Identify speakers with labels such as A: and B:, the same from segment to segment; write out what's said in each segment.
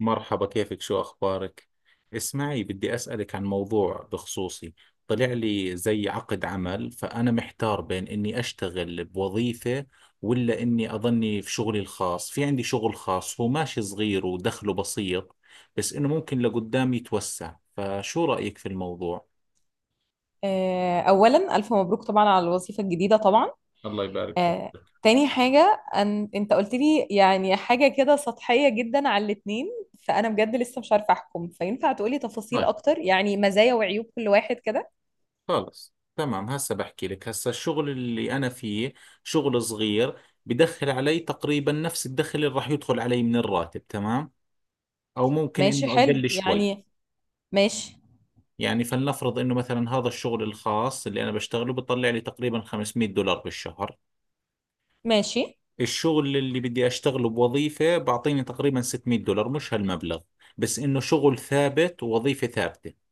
A: مرحبا، كيفك؟ شو أخبارك؟ اسمعي، بدي أسألك عن موضوع بخصوصي. طلع لي زي عقد عمل، فأنا محتار بين إني أشتغل بوظيفة ولا إني أظني في شغلي الخاص. في عندي شغل خاص هو ماشي صغير ودخله بسيط، بس إنه ممكن لقدام يتوسع. فشو رأيك في الموضوع؟
B: اولا الف مبروك طبعا على الوظيفه الجديده طبعا.
A: الله يبارك
B: آه،
A: فيك.
B: تاني حاجه انت قلت لي يعني حاجه كده سطحيه جدا على الاتنين، فانا بجد لسه مش عارفه احكم، فينفع تقولي تفاصيل
A: طيب،
B: اكتر يعني مزايا وعيوب كل واحد كده؟
A: خلص تمام. هسه بحكي لك. هسه الشغل اللي أنا فيه شغل صغير، بدخل علي تقريبا نفس الدخل اللي راح يدخل علي من الراتب، تمام، أو ممكن
B: ماشي،
A: إنه
B: حلو
A: أقل شوي.
B: يعني. ماشي
A: يعني فلنفرض إنه مثلا هذا الشغل الخاص اللي أنا بشتغله بطلع لي تقريبا $500 بالشهر.
B: ماشي.
A: الشغل اللي بدي أشتغله بوظيفة بعطيني تقريبا $600، مش هالمبلغ، بس إنه شغل ثابت ووظيفة ثابتة.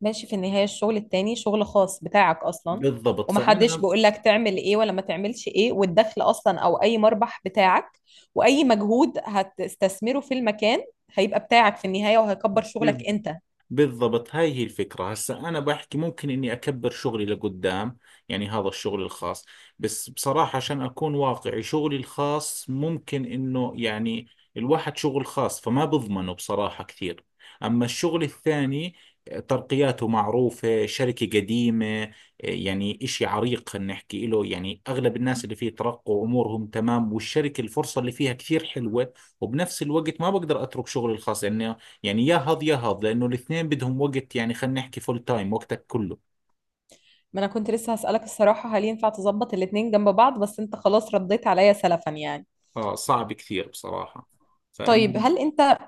B: ماشي، في النهاية الشغل التاني شغل خاص بتاعك أصلا،
A: بالضبط.
B: ومحدش
A: فأنا
B: بيقول لك تعمل إيه ولا ما تعملش إيه، والدخل أصلا أو أي مربح بتاعك وأي مجهود هتستثمره في المكان هيبقى بتاعك في النهاية وهيكبر شغلك أنت.
A: بالضبط، هاي هي الفكرة. هسا أنا بحكي ممكن إني أكبر شغلي لقدام، يعني هذا الشغل الخاص. بس بصراحة عشان أكون واقعي، شغلي الخاص ممكن إنه يعني الواحد شغل خاص فما بضمنه بصراحة كثير. أما الشغل الثاني ترقياته معروفة، شركة قديمة، يعني إشي عريق، خلينا نحكي إله، يعني أغلب الناس اللي فيه ترقوا أمورهم تمام، والشركة الفرصة اللي فيها كثير حلوة. وبنفس الوقت ما بقدر أترك شغلي الخاص، لأنه يعني يا هض لأنه الاثنين بدهم وقت. يعني خلينا نحكي فول تايم وقتك كله.
B: ما أنا كنت لسه هسألك الصراحة، هل ينفع تظبط الاتنين جنب بعض؟ بس أنت خلاص رديت عليا سلفا يعني.
A: آه، صعب كثير بصراحة.
B: طيب
A: فإن
B: هل أنت،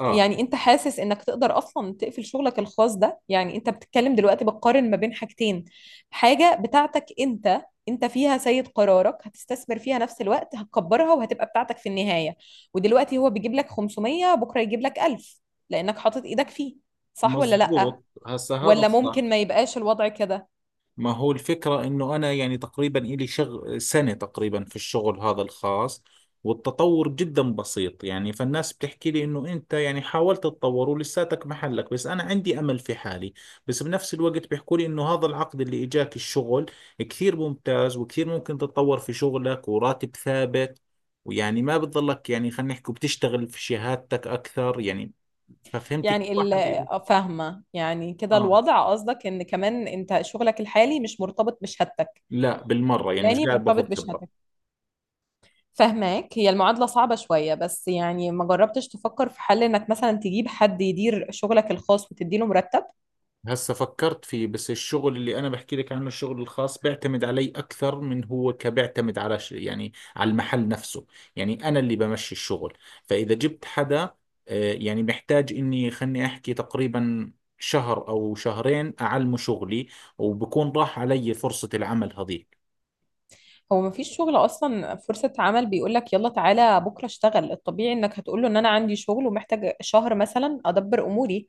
A: آه،
B: يعني انت حاسس انك تقدر اصلا تقفل شغلك الخاص ده؟ يعني انت بتتكلم دلوقتي بتقارن ما بين حاجتين، حاجة بتاعتك انت، انت فيها سيد قرارك، هتستثمر فيها نفس الوقت، هتكبرها وهتبقى بتاعتك في النهاية. ودلوقتي هو بيجيب لك 500، بكرة يجيب لك 1000 لانك حاطط ايدك فيه. صح ولا لأ؟
A: مزبوط، هسا هذا
B: ولا
A: الصح.
B: ممكن ما يبقاش الوضع كده؟
A: ما هو الفكرة انه انا يعني تقريبا الي سنة تقريبا في الشغل هذا الخاص، والتطور جدا بسيط. يعني فالناس بتحكي لي انه انت يعني حاولت تتطور ولساتك محلك، بس انا عندي امل في حالي. بس بنفس الوقت بيحكوا لي انه هذا العقد اللي اجاك، الشغل كثير ممتاز وكثير ممكن تتطور في شغلك وراتب ثابت، ويعني ما بتضلك، يعني خلينا نحكي بتشتغل في شهادتك اكثر يعني. ففهمتي كل واحد
B: فاهمة يعني كده
A: اه.
B: الوضع، قصدك ان كمان انت شغلك الحالي مش مرتبط بشهادتك،
A: لا بالمرة، يعني مش
B: التاني
A: قاعد
B: مرتبط
A: باخذ خبرة.
B: بشهادتك. فهماك، هي المعادلة صعبة شوية، بس يعني ما جربتش تفكر في حل انك مثلا تجيب حد يدير شغلك الخاص وتديله مرتب؟
A: هسه فكرت فيه، بس الشغل اللي انا بحكي لك عنه الشغل الخاص بيعتمد علي اكثر من هو، كبيعتمد على يعني على المحل نفسه. يعني انا اللي بمشي الشغل. فاذا جبت حدا، يعني محتاج اني، خلني احكي تقريبا شهر او شهرين، اعلمه شغلي، وبكون راح علي فرصة العمل هذيك.
B: هو ما فيش شغل اصلا فرصة عمل بيقولك يلا تعالى بكرة اشتغل، الطبيعي انك هتقوله ان انا عندي شغل ومحتاج شهر مثلا ادبر اموري.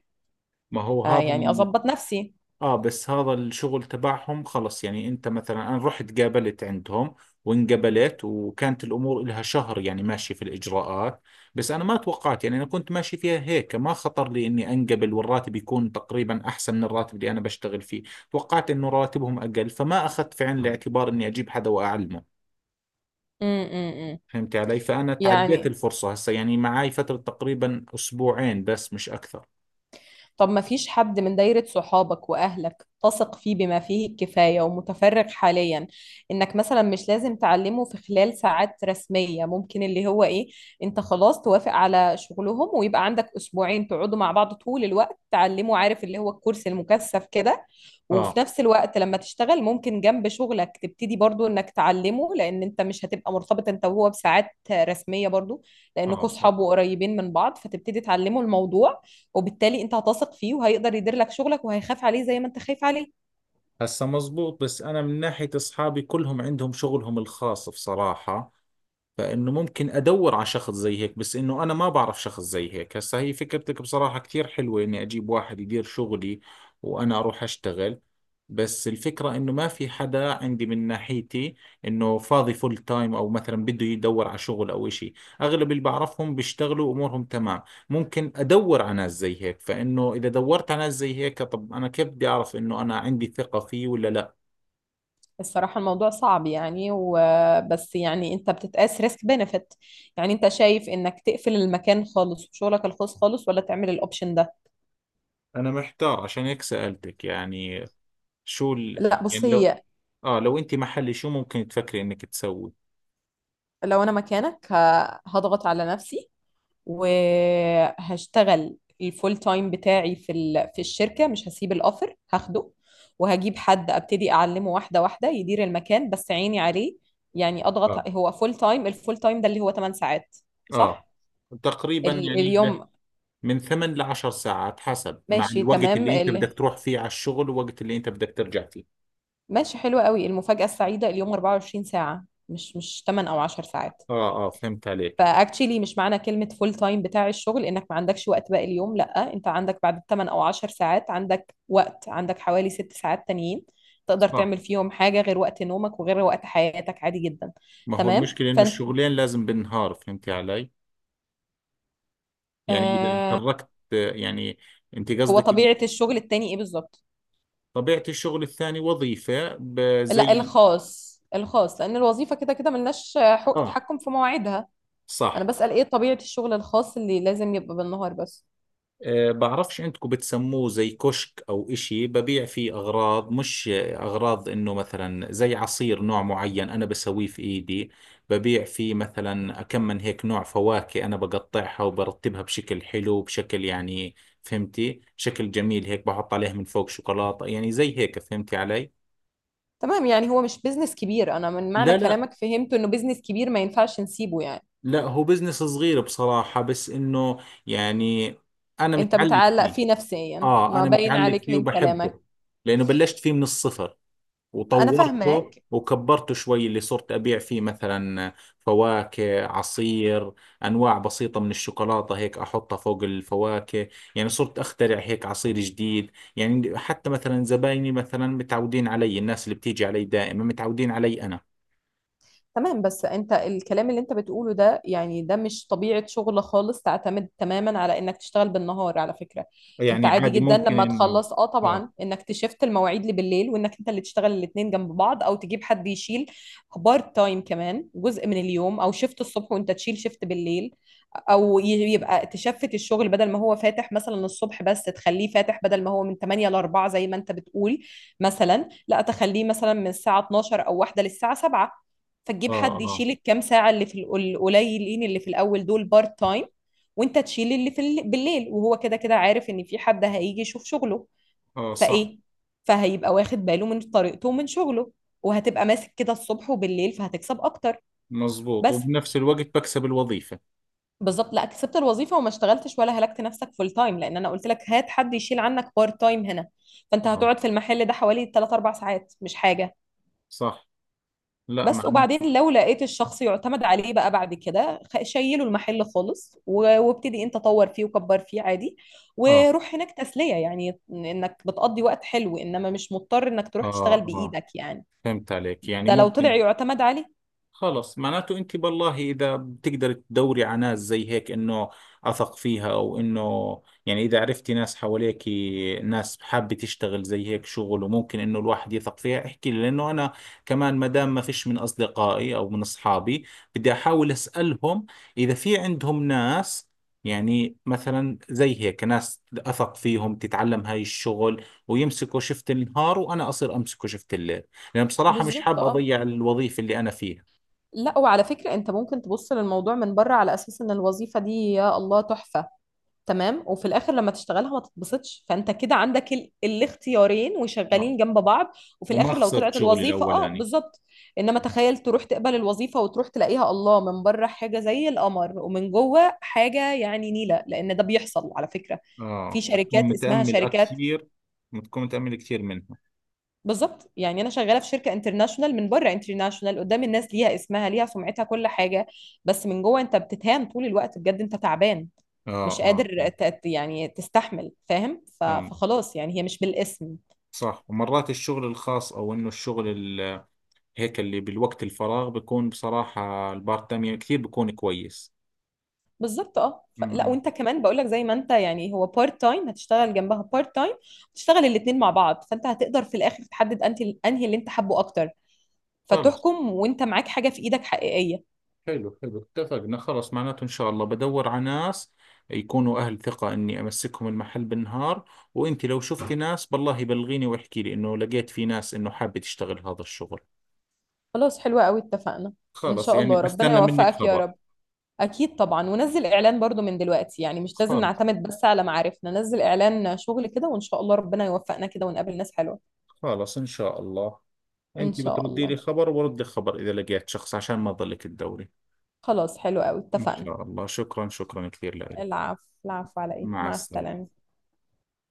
A: ما هو
B: آه
A: هذا.
B: يعني اظبط نفسي.
A: اه، بس هذا الشغل تبعهم خلص، يعني انت مثلا انا رحت قابلت عندهم وانقبلت، وكانت الامور لها شهر يعني ماشي في الاجراءات. بس انا ما توقعت، يعني انا كنت ماشي فيها هيك، ما خطر لي اني انقبل والراتب يكون تقريبا احسن من الراتب اللي انا بشتغل فيه. توقعت انه راتبهم اقل، فما اخذت في عين الاعتبار اني اجيب حدا واعلمه.
B: م -م -م.
A: فهمت علي. فانا تعديت
B: يعني
A: الفرصة. هسه يعني معاي فترة تقريبا اسبوعين بس، مش اكثر.
B: طب ما فيش حد من دايرة صحابك وأهلك تثق فيه بما فيه الكفاية ومتفرغ حاليا، إنك مثلا مش لازم تعلمه في خلال ساعات رسمية، ممكن اللي هو إيه، أنت خلاص توافق على شغلهم ويبقى عندك أسبوعين تقعدوا مع بعض طول الوقت تعلمه، عارف اللي هو الكورس المكثف كده، وفي
A: اه.
B: نفس الوقت لما تشتغل ممكن جنب شغلك تبتدي برضو انك تعلمه، لان انت مش هتبقى مرتبط انت وهو بساعات رسمية برضو،
A: اه،
B: لانكوا
A: صح.
B: صحاب وقريبين من بعض، فتبتدي تعلمه الموضوع، وبالتالي انت هتثق فيه وهيقدر يدير لك شغلك وهيخاف عليه زي ما انت خايف عليه.
A: هسا مزبوط. بس أنا من ناحية أصحابي كلهم عندهم شغلهم الخاص بصراحة، فانه ممكن ادور على شخص زي هيك، بس انه انا ما بعرف شخص زي هيك. هسا هي فكرتك بصراحة كثير حلوة، اني اجيب واحد يدير شغلي وانا اروح اشتغل. بس الفكرة انه ما في حدا عندي من ناحيتي انه فاضي فول تايم، او مثلا بده يدور على شغل او اشي. اغلب اللي بعرفهم بيشتغلوا امورهم تمام. ممكن ادور على ناس زي هيك، فانه اذا دورت على ناس زي هيك، طب انا كيف بدي اعرف انه انا عندي ثقة فيه ولا لا؟
B: الصراحة الموضوع صعب يعني، وبس يعني انت بتتقاس ريسك بنفيت. يعني انت شايف انك تقفل المكان خالص وشغلك الخاص خالص، ولا تعمل الاوبشن ده؟
A: انا محتار عشان هيك سألتك. يعني شو
B: لا بص
A: يعني لو،
B: هي،
A: اه، لو انت محلي شو ممكن تفكري انك تسوي؟
B: لو انا مكانك هضغط على نفسي، وهشتغل الفول تايم بتاعي في الشركة، مش هسيب الأوفر هاخده، وهجيب حد أبتدي أعلمه واحدة واحدة يدير المكان بس عيني عليه. يعني
A: اه.
B: أضغط، هو فول تايم، الفول تايم ده اللي هو 8 ساعات،
A: اه،
B: صح؟
A: تقريبا يعني
B: اليوم
A: من ثمان لعشر ساعات، حسب مع
B: ماشي
A: الوقت
B: تمام.
A: اللي انت بدك تروح فيه على الشغل والوقت اللي انت بدك ترجع فيه.
B: ماشي، حلو قوي المفاجأة السعيدة، اليوم 24 ساعة مش 8 أو 10 ساعات.
A: اه. اه، فهمت عليك.
B: فاكتشلي، مش معنى كلمة فول تايم بتاع الشغل انك ما عندكش وقت باقي اليوم، لا انت عندك بعد 8 او 10 ساعات، عندك وقت، عندك حوالي 6 ساعات تانيين تقدر
A: صح.
B: تعمل فيهم حاجة غير وقت نومك وغير وقت حياتك، عادي جدا.
A: ما هو
B: تمام
A: المشكلة انه
B: فانت،
A: الشغلين لازم بالنهار، فهمتي علي؟ يعني اذا
B: آه،
A: تركت يعني. انت
B: هو
A: قصدك إن
B: طبيعة الشغل التاني ايه بالظبط؟
A: طبيعة الشغل الثاني وظيفة
B: لا
A: زي.
B: الخاص، الخاص، لان الوظيفة كده كده ملناش حق
A: اه،
B: تحكم في مواعيدها. انا
A: صح.
B: بسأل ايه طبيعة الشغل الخاص اللي لازم يبقى بالنهار بس؟
A: أه، بعرفش عندكم بتسموه زي كشك أو إشي، ببيع فيه أغراض، مش أغراض، إنه مثلا زي عصير نوع معين أنا بسويه في إيدي. ببيع فيه مثلا كم من هيك نوع فواكه، أنا بقطعها وبرتبها بشكل حلو، بشكل يعني، فهمتي، شكل جميل هيك، بحط عليها من فوق شوكولاتة، يعني زي هيك، فهمتي علي؟
B: تمام يعني هو مش بيزنس كبير، انا من معنى
A: لا،
B: كلامك فهمت انه بيزنس كبير ما ينفعش نسيبه يعني.
A: لا، هو بزنس صغير بصراحة، بس إنه يعني أنا
B: انت
A: متعلق
B: متعلق
A: فيه.
B: فيه نفسيا،
A: آه،
B: ما
A: أنا
B: باين
A: متعلق
B: عليك
A: فيه
B: من كلامك.
A: وبحبه، لأنه بلشت فيه من الصفر
B: انا
A: وطورته
B: فاهماك.
A: وكبرته شوي. اللي صرت أبيع فيه مثلا فواكه، عصير، أنواع بسيطة من الشوكولاتة هيك أحطها فوق الفواكه. يعني صرت أخترع هيك عصير جديد، يعني حتى مثلا زبايني مثلا متعودين علي، الناس اللي بتيجي علي دائما متعودين علي أنا.
B: تمام، بس انت الكلام اللي انت بتقوله ده، يعني ده مش طبيعة شغل خالص تعتمد تماما على انك تشتغل بالنهار، على فكرة انت
A: يعني
B: عادي
A: عادي
B: جدا
A: ممكن
B: لما
A: إنه
B: تخلص، اه طبعا،
A: آه
B: انك تشفت المواعيد اللي بالليل، وانك انت اللي تشتغل الاتنين جنب بعض، او تجيب حد يشيل بارت تايم كمان جزء من اليوم، او شفت الصبح وانت تشيل شفت بالليل، او يبقى تشفت الشغل، بدل ما هو فاتح مثلا الصبح بس، تخليه فاتح، بدل ما هو من 8 ل 4 زي ما انت بتقول مثلا، لا تخليه مثلا من الساعه 12 او 1 للساعه 7، فتجيب
A: آه
B: حد
A: آه
B: يشيل الكام ساعه اللي القليلين اللي في الاول دول بارت تايم، وانت تشيل اللي بالليل، وهو كده كده عارف ان في حد هيجي يشوف شغله،
A: آه. صح.
B: فايه، فهيبقى واخد باله من طريقته ومن شغله، وهتبقى ماسك كده الصبح وبالليل فهتكسب اكتر.
A: مزبوط،
B: بس
A: وبنفس الوقت بكسب الوظيفة.
B: بالظبط، لا كسبت الوظيفه وما اشتغلتش، ولا هلكت نفسك فول تايم، لان انا قلت لك هات حد يشيل عنك بارت تايم هنا، فانت
A: آه،
B: هتقعد في المحل ده حوالي 3 4 ساعات، مش حاجه.
A: صح. لا،
B: بس
A: معناته
B: وبعدين لو لقيت الشخص يعتمد عليه بقى بعد كده، شيله المحل خالص وابتدي انت طور فيه وكبر فيه عادي،
A: آه
B: وروح هناك تسليه، يعني انك بتقضي وقت حلو، انما مش مضطر انك تروح
A: آه
B: تشتغل
A: آه
B: بايدك يعني.
A: فهمت عليك، يعني
B: ده لو طلع
A: ممكن.
B: يعتمد عليه.
A: خلص، معناته انت بالله اذا بتقدر تدوري على ناس زي هيك انه اثق فيها، او انه يعني اذا عرفتي ناس حواليك، ناس حابه تشتغل زي هيك شغل وممكن انه الواحد يثق فيها، احكي لي. لانه انا كمان ما دام ما فيش من اصدقائي او من اصحابي، بدي احاول اسالهم اذا في عندهم ناس، يعني مثلا زي هيك ناس اثق فيهم تتعلم هاي الشغل، ويمسكوا شفت النهار وانا اصير امسكه شفت الليل، لان بصراحه مش
B: بالظبط
A: حاب
B: اه،
A: اضيع الوظيفه اللي انا فيها.
B: لا وعلى فكرة انت ممكن تبص للموضوع من بره على اساس ان الوظيفة دي يا الله تحفة، تمام، وفي الاخر لما تشتغلها ما تتبسطش، فانت كده عندك الاختيارين
A: آه.
B: وشغالين جنب بعض. وفي
A: وما
B: الاخر لو
A: خسرت
B: طلعت
A: شغلي
B: الوظيفه اه
A: الأولاني.
B: بالظبط، انما تخيل تروح تقبل الوظيفه وتروح تلاقيها الله من بره حاجه زي القمر، ومن جوه حاجه يعني نيله، لان ده بيحصل على فكره، في
A: اه،
B: شركات
A: بتكون
B: اسمها
A: متأمل
B: شركات.
A: كثير. بتكون متأمل كثير منها.
B: بالظبط، يعني انا شغاله في شركه انترناشونال، من بره انترناشونال، قدام الناس ليها اسمها، ليها سمعتها، كل حاجه، بس من جوه انت بتتهان طول الوقت بجد، انت تعبان،
A: اه.
B: مش
A: اه،
B: قادر يعني تستحمل، فاهم،
A: فهمت.
B: فخلاص يعني هي مش بالاسم.
A: صح، ومرات الشغل الخاص او انه الشغل ال- هيك اللي بالوقت الفراغ بيكون، بصراحة البارت تايم كثير بيكون كويس.
B: بالظبط اه، لا
A: امم.
B: وانت كمان بقول لك، زي ما انت يعني هو بارت تايم هتشتغل جنبها بارت تايم، تشتغل الاثنين مع بعض، فانت هتقدر في الاخر تحدد انت انهي اللي انت حابه اكتر،
A: خلص،
B: فتحكم وانت معاك حاجه في ايدك حقيقيه.
A: حلو حلو، اتفقنا. خلص، معناته ان شاء الله بدور على ناس يكونوا اهل ثقة اني امسكهم المحل بالنهار. وانت لو شفتي ناس بالله بلغيني واحكي لي انه لقيت في ناس انه حابة تشتغل هذا الشغل.
B: خلاص، حلوه قوي، اتفقنا. ان
A: خلص،
B: شاء الله
A: يعني
B: ربنا
A: استنى منك
B: يوفقك يا
A: خبر.
B: رب. اكيد طبعا، ونزل اعلان برضو من دلوقتي، يعني مش لازم
A: خلص
B: نعتمد بس على معارفنا، نزل اعلان شغل كده وان شاء الله ربنا يوفقنا كده ونقابل ناس حلوة.
A: خلص، ان شاء الله.
B: ان
A: انت
B: شاء
A: بتردي لي
B: الله.
A: خبر، وبردك خبر اذا لقيت شخص، عشان ما تضلك تدوري.
B: خلاص حلو قوي،
A: ان
B: اتفقنا.
A: شاء الله. شكرا، شكرا كثير لك.
B: العفو العفو على ايه،
A: مع
B: مع
A: السلامة.
B: السلامة.